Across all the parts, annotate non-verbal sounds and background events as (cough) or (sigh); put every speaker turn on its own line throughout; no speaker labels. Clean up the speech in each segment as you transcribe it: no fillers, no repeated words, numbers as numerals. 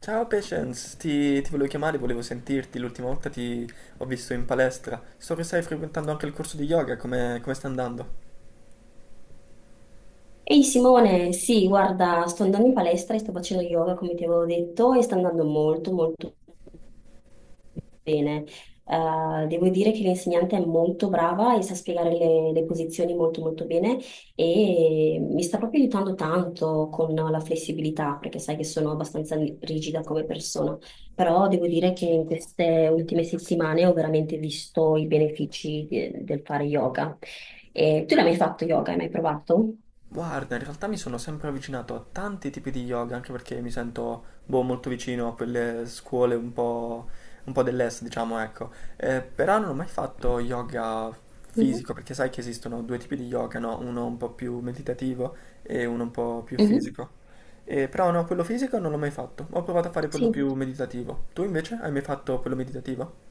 Ciao Patience, ti volevo chiamare, volevo sentirti. L'ultima volta ti ho visto in palestra. So che stai frequentando anche il corso di yoga, come sta andando?
Ehi Simone, sì, guarda, sto andando in palestra e sto facendo yoga come ti avevo detto e sta andando molto molto bene. Devo dire che l'insegnante è molto brava e sa spiegare le posizioni molto molto bene e mi sta proprio aiutando tanto con la flessibilità perché sai che sono abbastanza rigida come persona, però devo dire che in queste ultime settimane ho veramente visto i benefici del fare yoga. E tu l'hai mai fatto yoga? Hai mai provato?
Guarda, in realtà mi sono sempre avvicinato a tanti tipi di yoga, anche perché mi sento boh, molto vicino a quelle scuole un po' dell'est, diciamo, ecco. Però non ho mai fatto yoga
Mhm,
fisico, perché sai che esistono due tipi di yoga, no? Uno un po' più meditativo e uno un po' più
mhm.
fisico. Però no, quello fisico non l'ho mai fatto. Ho provato a fare quello
Sì,
più meditativo. Tu invece hai mai fatto quello meditativo?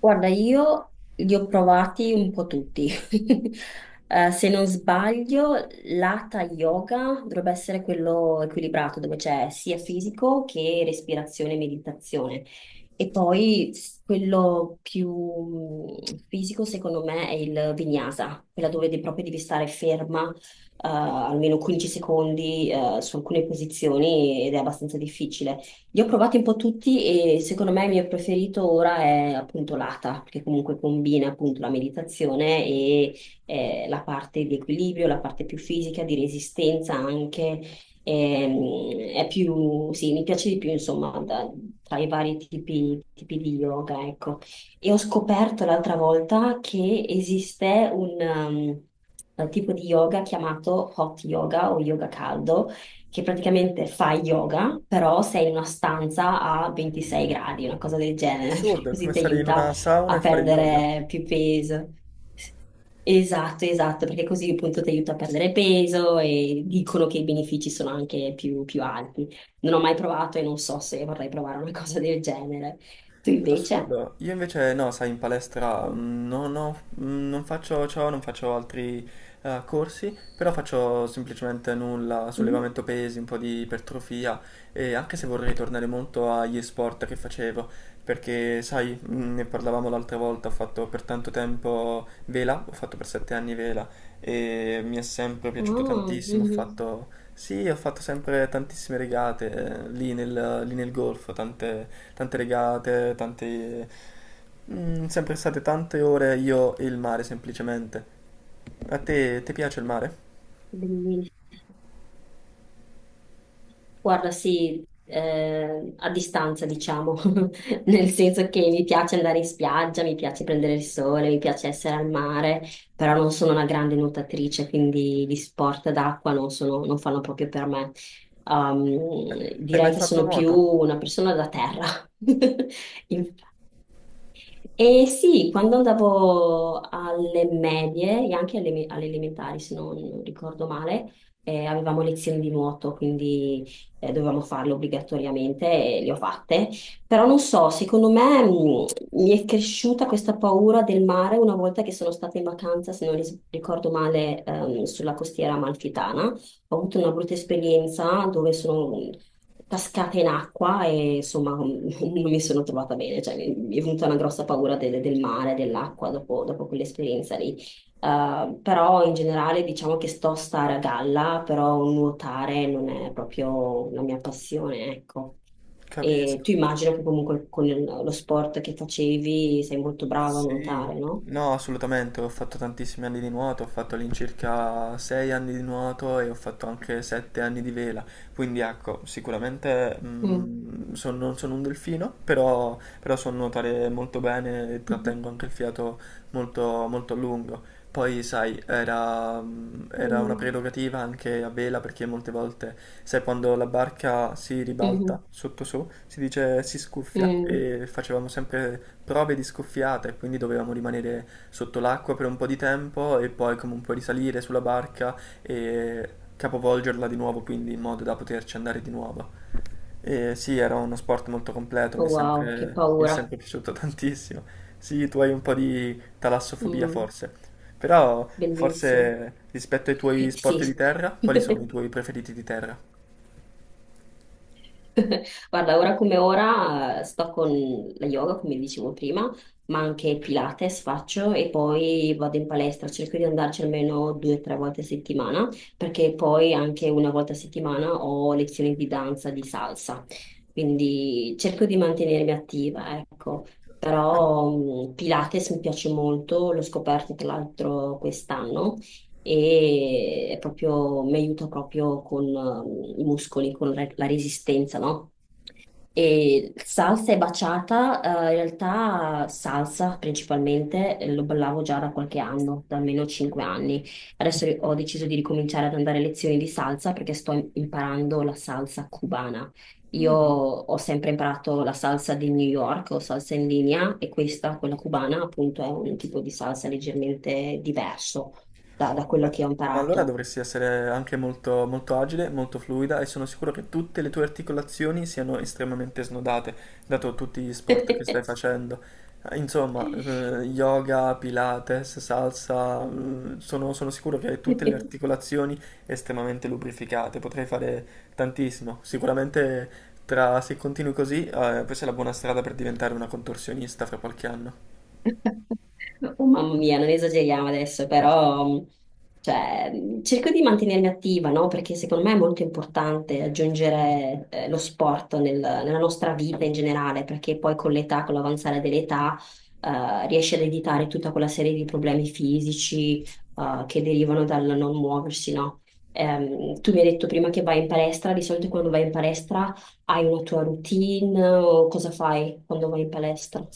guarda, io li ho provati un po' tutti. (laughs) Se non sbaglio, l'hatha yoga dovrebbe essere quello equilibrato, dove c'è sia fisico che respirazione e meditazione. E poi quello più fisico, secondo me, è il vinyasa, quella dove proprio devi stare ferma, almeno 15 secondi, su alcune posizioni ed è abbastanza difficile. Io ho provati un po' tutti e secondo me il mio preferito ora è appunto l'Ata, perché comunque combina appunto la meditazione e la parte di equilibrio, la parte più fisica, di resistenza anche. È più, sì, mi piace di più insomma tra i vari tipi di yoga, ecco. E ho scoperto l'altra volta che esiste un tipo di yoga chiamato hot yoga o yoga caldo che praticamente fai yoga, però sei in una stanza a 26 gradi, una cosa del genere, (laughs) perché
Assurdo, è
così
come
ti
stare in
aiuta
una sauna
a
e fare yoga.
perdere più peso. Esatto, esatto, perché così appunto ti aiuta a perdere peso e dicono che i benefici sono anche più, più alti. Non ho mai provato e non so se vorrei provare una (laughs) cosa del genere. Tu invece?
Assurdo, io invece no, sai, in palestra mm, non ho- mm, non faccio ciò, non faccio altri corsi, però faccio semplicemente nulla,
Mm.
sollevamento pesi, un po' di ipertrofia e anche se vorrei tornare molto agli sport che facevo, perché sai, ne parlavamo l'altra volta, ho fatto per tanto tempo vela, ho fatto per sette anni vela e mi è sempre piaciuto
Oh,
tantissimo. Ho
mhm.
fatto, sì, ho fatto sempre tantissime regate lì nel golfo, tante regate, tante... sempre state tante ore io e il mare semplicemente. A te, ti piace il mare?
Benissimo. Guarda, sì, a distanza, diciamo, (laughs) nel senso che mi piace andare in spiaggia, mi piace prendere il sole, mi piace essere al mare, però non sono una grande nuotatrice, quindi gli sport d'acqua non fanno proprio per me.
Eh, Hai
Direi
mai
che
fatto
sono più
nuoto?
una persona da terra. (laughs) Inf- e sì, quando andavo alle medie e anche alle elementari, se non ricordo male, avevamo lezioni di nuoto, quindi dovevamo farle obbligatoriamente e le ho fatte. Però non so, secondo me mi è cresciuta questa paura del mare una volta che sono stata in vacanza, se non ricordo male, sulla costiera amalfitana. Ho avuto una brutta esperienza dove sono cascata in acqua e insomma non mi sono trovata bene, cioè mi è venuta una grossa paura del mare, dell'acqua dopo, dopo quell'esperienza lì. Però in generale diciamo che sto a stare a galla, però nuotare non è proprio la mia passione, ecco. E
Capisco.
tu immagino che comunque con lo sport che facevi sei molto brava a
Sì,
nuotare, no?
no, assolutamente, ho fatto tantissimi anni di nuoto, ho fatto all'incirca 6 anni di nuoto e ho fatto anche 7 anni di vela, quindi ecco, sicuramente
Mm.
non sono un delfino, però so nuotare molto bene e
Mm.
trattengo anche il fiato molto a lungo. Poi, sai, era una
Mm.
prerogativa anche a vela perché molte volte, sai, quando la barca si
Mhm.
ribalta sotto su, si dice si scuffia
Mm.
e facevamo sempre prove di scuffiata e quindi dovevamo rimanere sotto l'acqua per un po' di tempo e poi comunque risalire sulla barca e capovolgerla di nuovo, quindi in modo da poterci andare di nuovo. E sì, era uno sport molto completo,
Oh, wow, che
mi è sempre
paura.
piaciuto (laughs) tantissimo. Sì, tu hai un po' di talassofobia
Mm.
forse, però
Bellissimo.
forse rispetto ai tuoi sport di
Sì.
terra, quali sono i
(laughs)
tuoi preferiti di terra?
(laughs) Guarda, ora come ora sto con la yoga, come dicevo prima, ma anche Pilates faccio e poi vado in palestra, cerco di andarci almeno due o tre volte a settimana, perché poi anche una volta a settimana ho lezioni di danza, di salsa, quindi cerco di mantenermi attiva, ecco. Però Pilates mi piace molto, l'ho scoperto tra l'altro quest'anno e è proprio, mi aiuta proprio con i muscoli, con la resistenza, no? E salsa e baciata in realtà salsa principalmente, lo ballavo già da qualche anno, da almeno 5 anni. Adesso ho deciso di ricominciare ad andare a lezioni di salsa perché sto imparando la salsa cubana. Io ho sempre imparato la salsa di New York o salsa in linea e questa, quella cubana, appunto è un tipo di salsa leggermente diverso da quello
Beh,
che ho
ma allora
imparato.
dovresti essere anche molto agile, molto fluida e sono sicuro che tutte le tue articolazioni siano estremamente snodate, dato tutti gli sport che stai facendo. Insomma,
(laughs)
yoga, pilates, salsa, sono sicuro che hai tutte le articolazioni estremamente lubrificate, potrai fare tantissimo. Sicuramente tra, se continui così, questa è la buona strada per diventare una contorsionista fra qualche anno.
(laughs) Oh mamma mia, non esageriamo adesso, però cioè, cerco di mantenermi attiva, no? Perché secondo me è molto importante aggiungere lo sport nella nostra vita in generale, perché poi con l'età, con l'avanzare dell'età, riesci ad evitare tutta quella serie di problemi fisici che derivano dal non muoversi, no? Tu mi hai detto prima che vai in palestra, di solito quando vai in palestra hai una tua routine o cosa fai quando vai in palestra?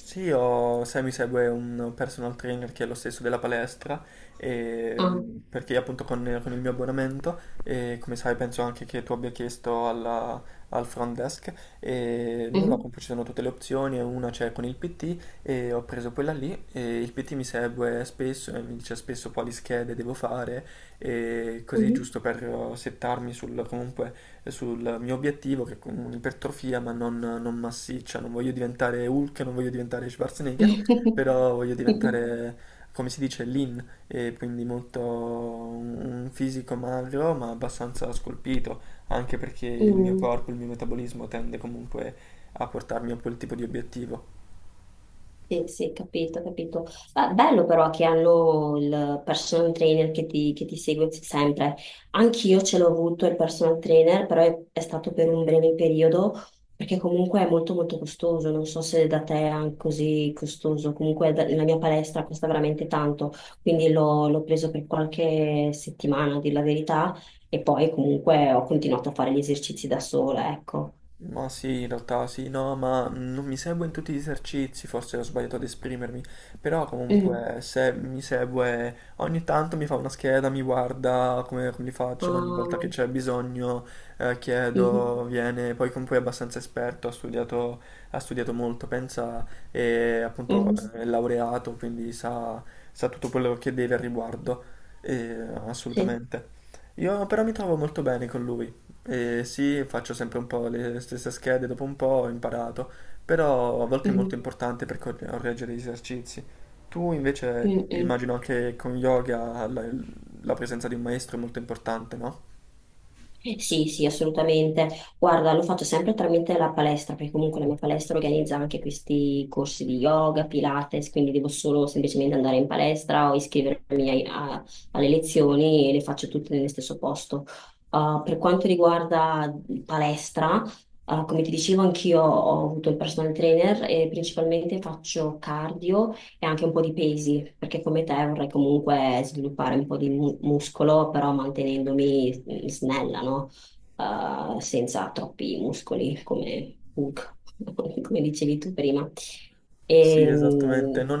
Sì, io, sai, mi segue un personal trainer che è lo stesso della palestra,
Ah,
perché appunto con il mio abbonamento, e come sai penso anche che tu abbia chiesto alla- al front desk, e nulla,
mhm.
comunque ci sono tutte le opzioni, e una c'è con il PT e ho preso quella lì e il PT mi segue spesso e mi dice spesso quali schede devo fare, e così
Mhm.
giusto per settarmi sul comunque sul mio obiettivo che è con un'ipertrofia ma non massiccia, non voglio diventare Hulk, non voglio diventare Schwarzenegger,
(laughs)
però voglio diventare, come si dice, lean, e quindi molto un fisico magro ma abbastanza scolpito, anche perché il mio
Mm.
corpo, il mio metabolismo tende comunque a portarmi a quel tipo di obiettivo.
Sì, sì, capito, capito. Ah, bello però che hanno il personal trainer che ti segue sempre. Anch'io ce l'ho avuto il personal trainer, però è stato per un breve periodo, perché comunque è molto molto costoso. Non so se da te è anche così costoso. Comunque la mia palestra costa veramente tanto, quindi l'ho preso per qualche settimana, a dir la verità, e poi comunque ho continuato a fare gli esercizi da sola, ecco.
Ma sì, in realtà sì, no, ma non mi segue in tutti gli esercizi, forse ho sbagliato ad esprimermi, però comunque se mi segue ogni tanto mi fa una scheda, mi guarda come li faccio, ogni volta che
Ah,
c'è bisogno
mhm,
chiedo, viene, poi comunque è abbastanza esperto, ha studiato molto, pensa, e appunto
mhm.
è laureato, quindi sa, sa tutto quello che deve al riguardo, e,
Sì.
assolutamente. Io però mi trovo molto bene con lui. Sì, faccio sempre un po' le stesse schede, dopo un po' ho imparato, però a volte è molto
Mhm,
importante per cor- correggere gli esercizi. Tu invece
mhm.
immagino che con yoga la presenza di un maestro è molto importante, no?
Sì, sì, assolutamente. Guarda, lo faccio sempre tramite la palestra, perché comunque la mia palestra organizza anche questi corsi di yoga, Pilates, quindi devo solo semplicemente andare in palestra o iscrivermi alle lezioni e le faccio tutte nello stesso posto. Ah, per quanto riguarda palestra, ah, come ti dicevo, anch'io ho avuto il personal trainer e principalmente faccio cardio e anche un po' di pesi, perché come te vorrei comunque sviluppare un po' di muscolo, però mantenendomi snella, no? Senza troppi muscoli come Hulk, (laughs) come dicevi tu prima.
Sì,
E,
esattamente,
mm,
non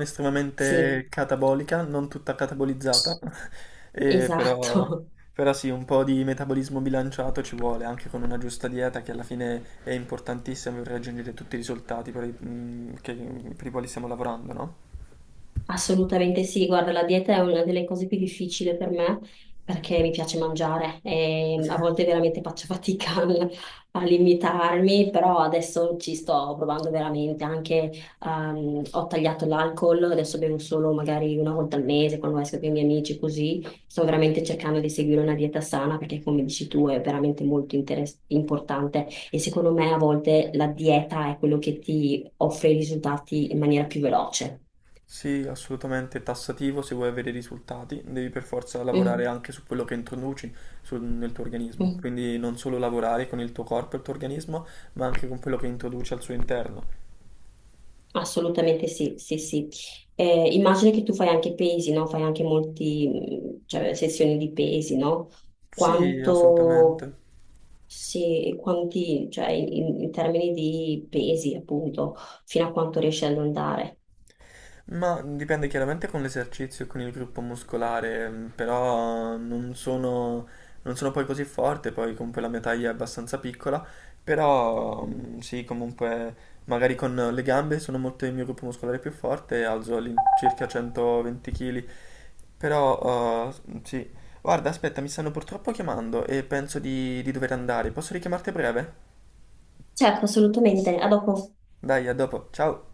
sì,
estremamente catabolica, non tutta catabolizzata, (laughs) però,
esatto.
però sì, un po' di metabolismo bilanciato ci vuole, anche con una giusta dieta che alla fine è importantissima per raggiungere tutti i risultati per i quali stiamo lavorando, no?
Assolutamente sì, guarda, la dieta è una delle cose più difficili per me perché mi piace mangiare e a volte veramente faccio (laughs) fatica a limitarmi, però adesso ci sto provando veramente, anche ho tagliato l'alcol, adesso bevo solo magari una volta al mese quando esco con i miei amici, così sto veramente cercando di seguire una dieta sana perché come dici tu è veramente molto importante e secondo me a volte la dieta è quello che ti offre i risultati in maniera più veloce.
Sì, assolutamente è tassativo, se vuoi avere risultati devi per forza lavorare
Mhm.
anche su quello che introduci sul- nel tuo organismo,
Mm.
quindi non solo lavorare con il tuo corpo e il tuo organismo, ma anche con quello che introduci al suo interno.
Assolutamente sì, sì, sì. Immagino che tu fai anche pesi, no? Fai anche molti, mm, cioè, sessioni di pesi, no?
Sì,
Quanto,
assolutamente.
sì, quanti, cioè, in, in termini di pesi, appunto, fino a quanto riesci ad andare.
Ma dipende chiaramente con l'esercizio e con il gruppo muscolare, però non sono poi così forte, poi comunque la mia taglia è abbastanza piccola, però sì, comunque magari con le gambe sono molto il mio gruppo muscolare più forte, e alzo all'incirca 120 kg, però sì. Guarda, aspetta, mi stanno purtroppo chiamando e penso di dover andare, posso richiamarti a breve?
Certo, assolutamente. A dopo.
Dai, a dopo, ciao!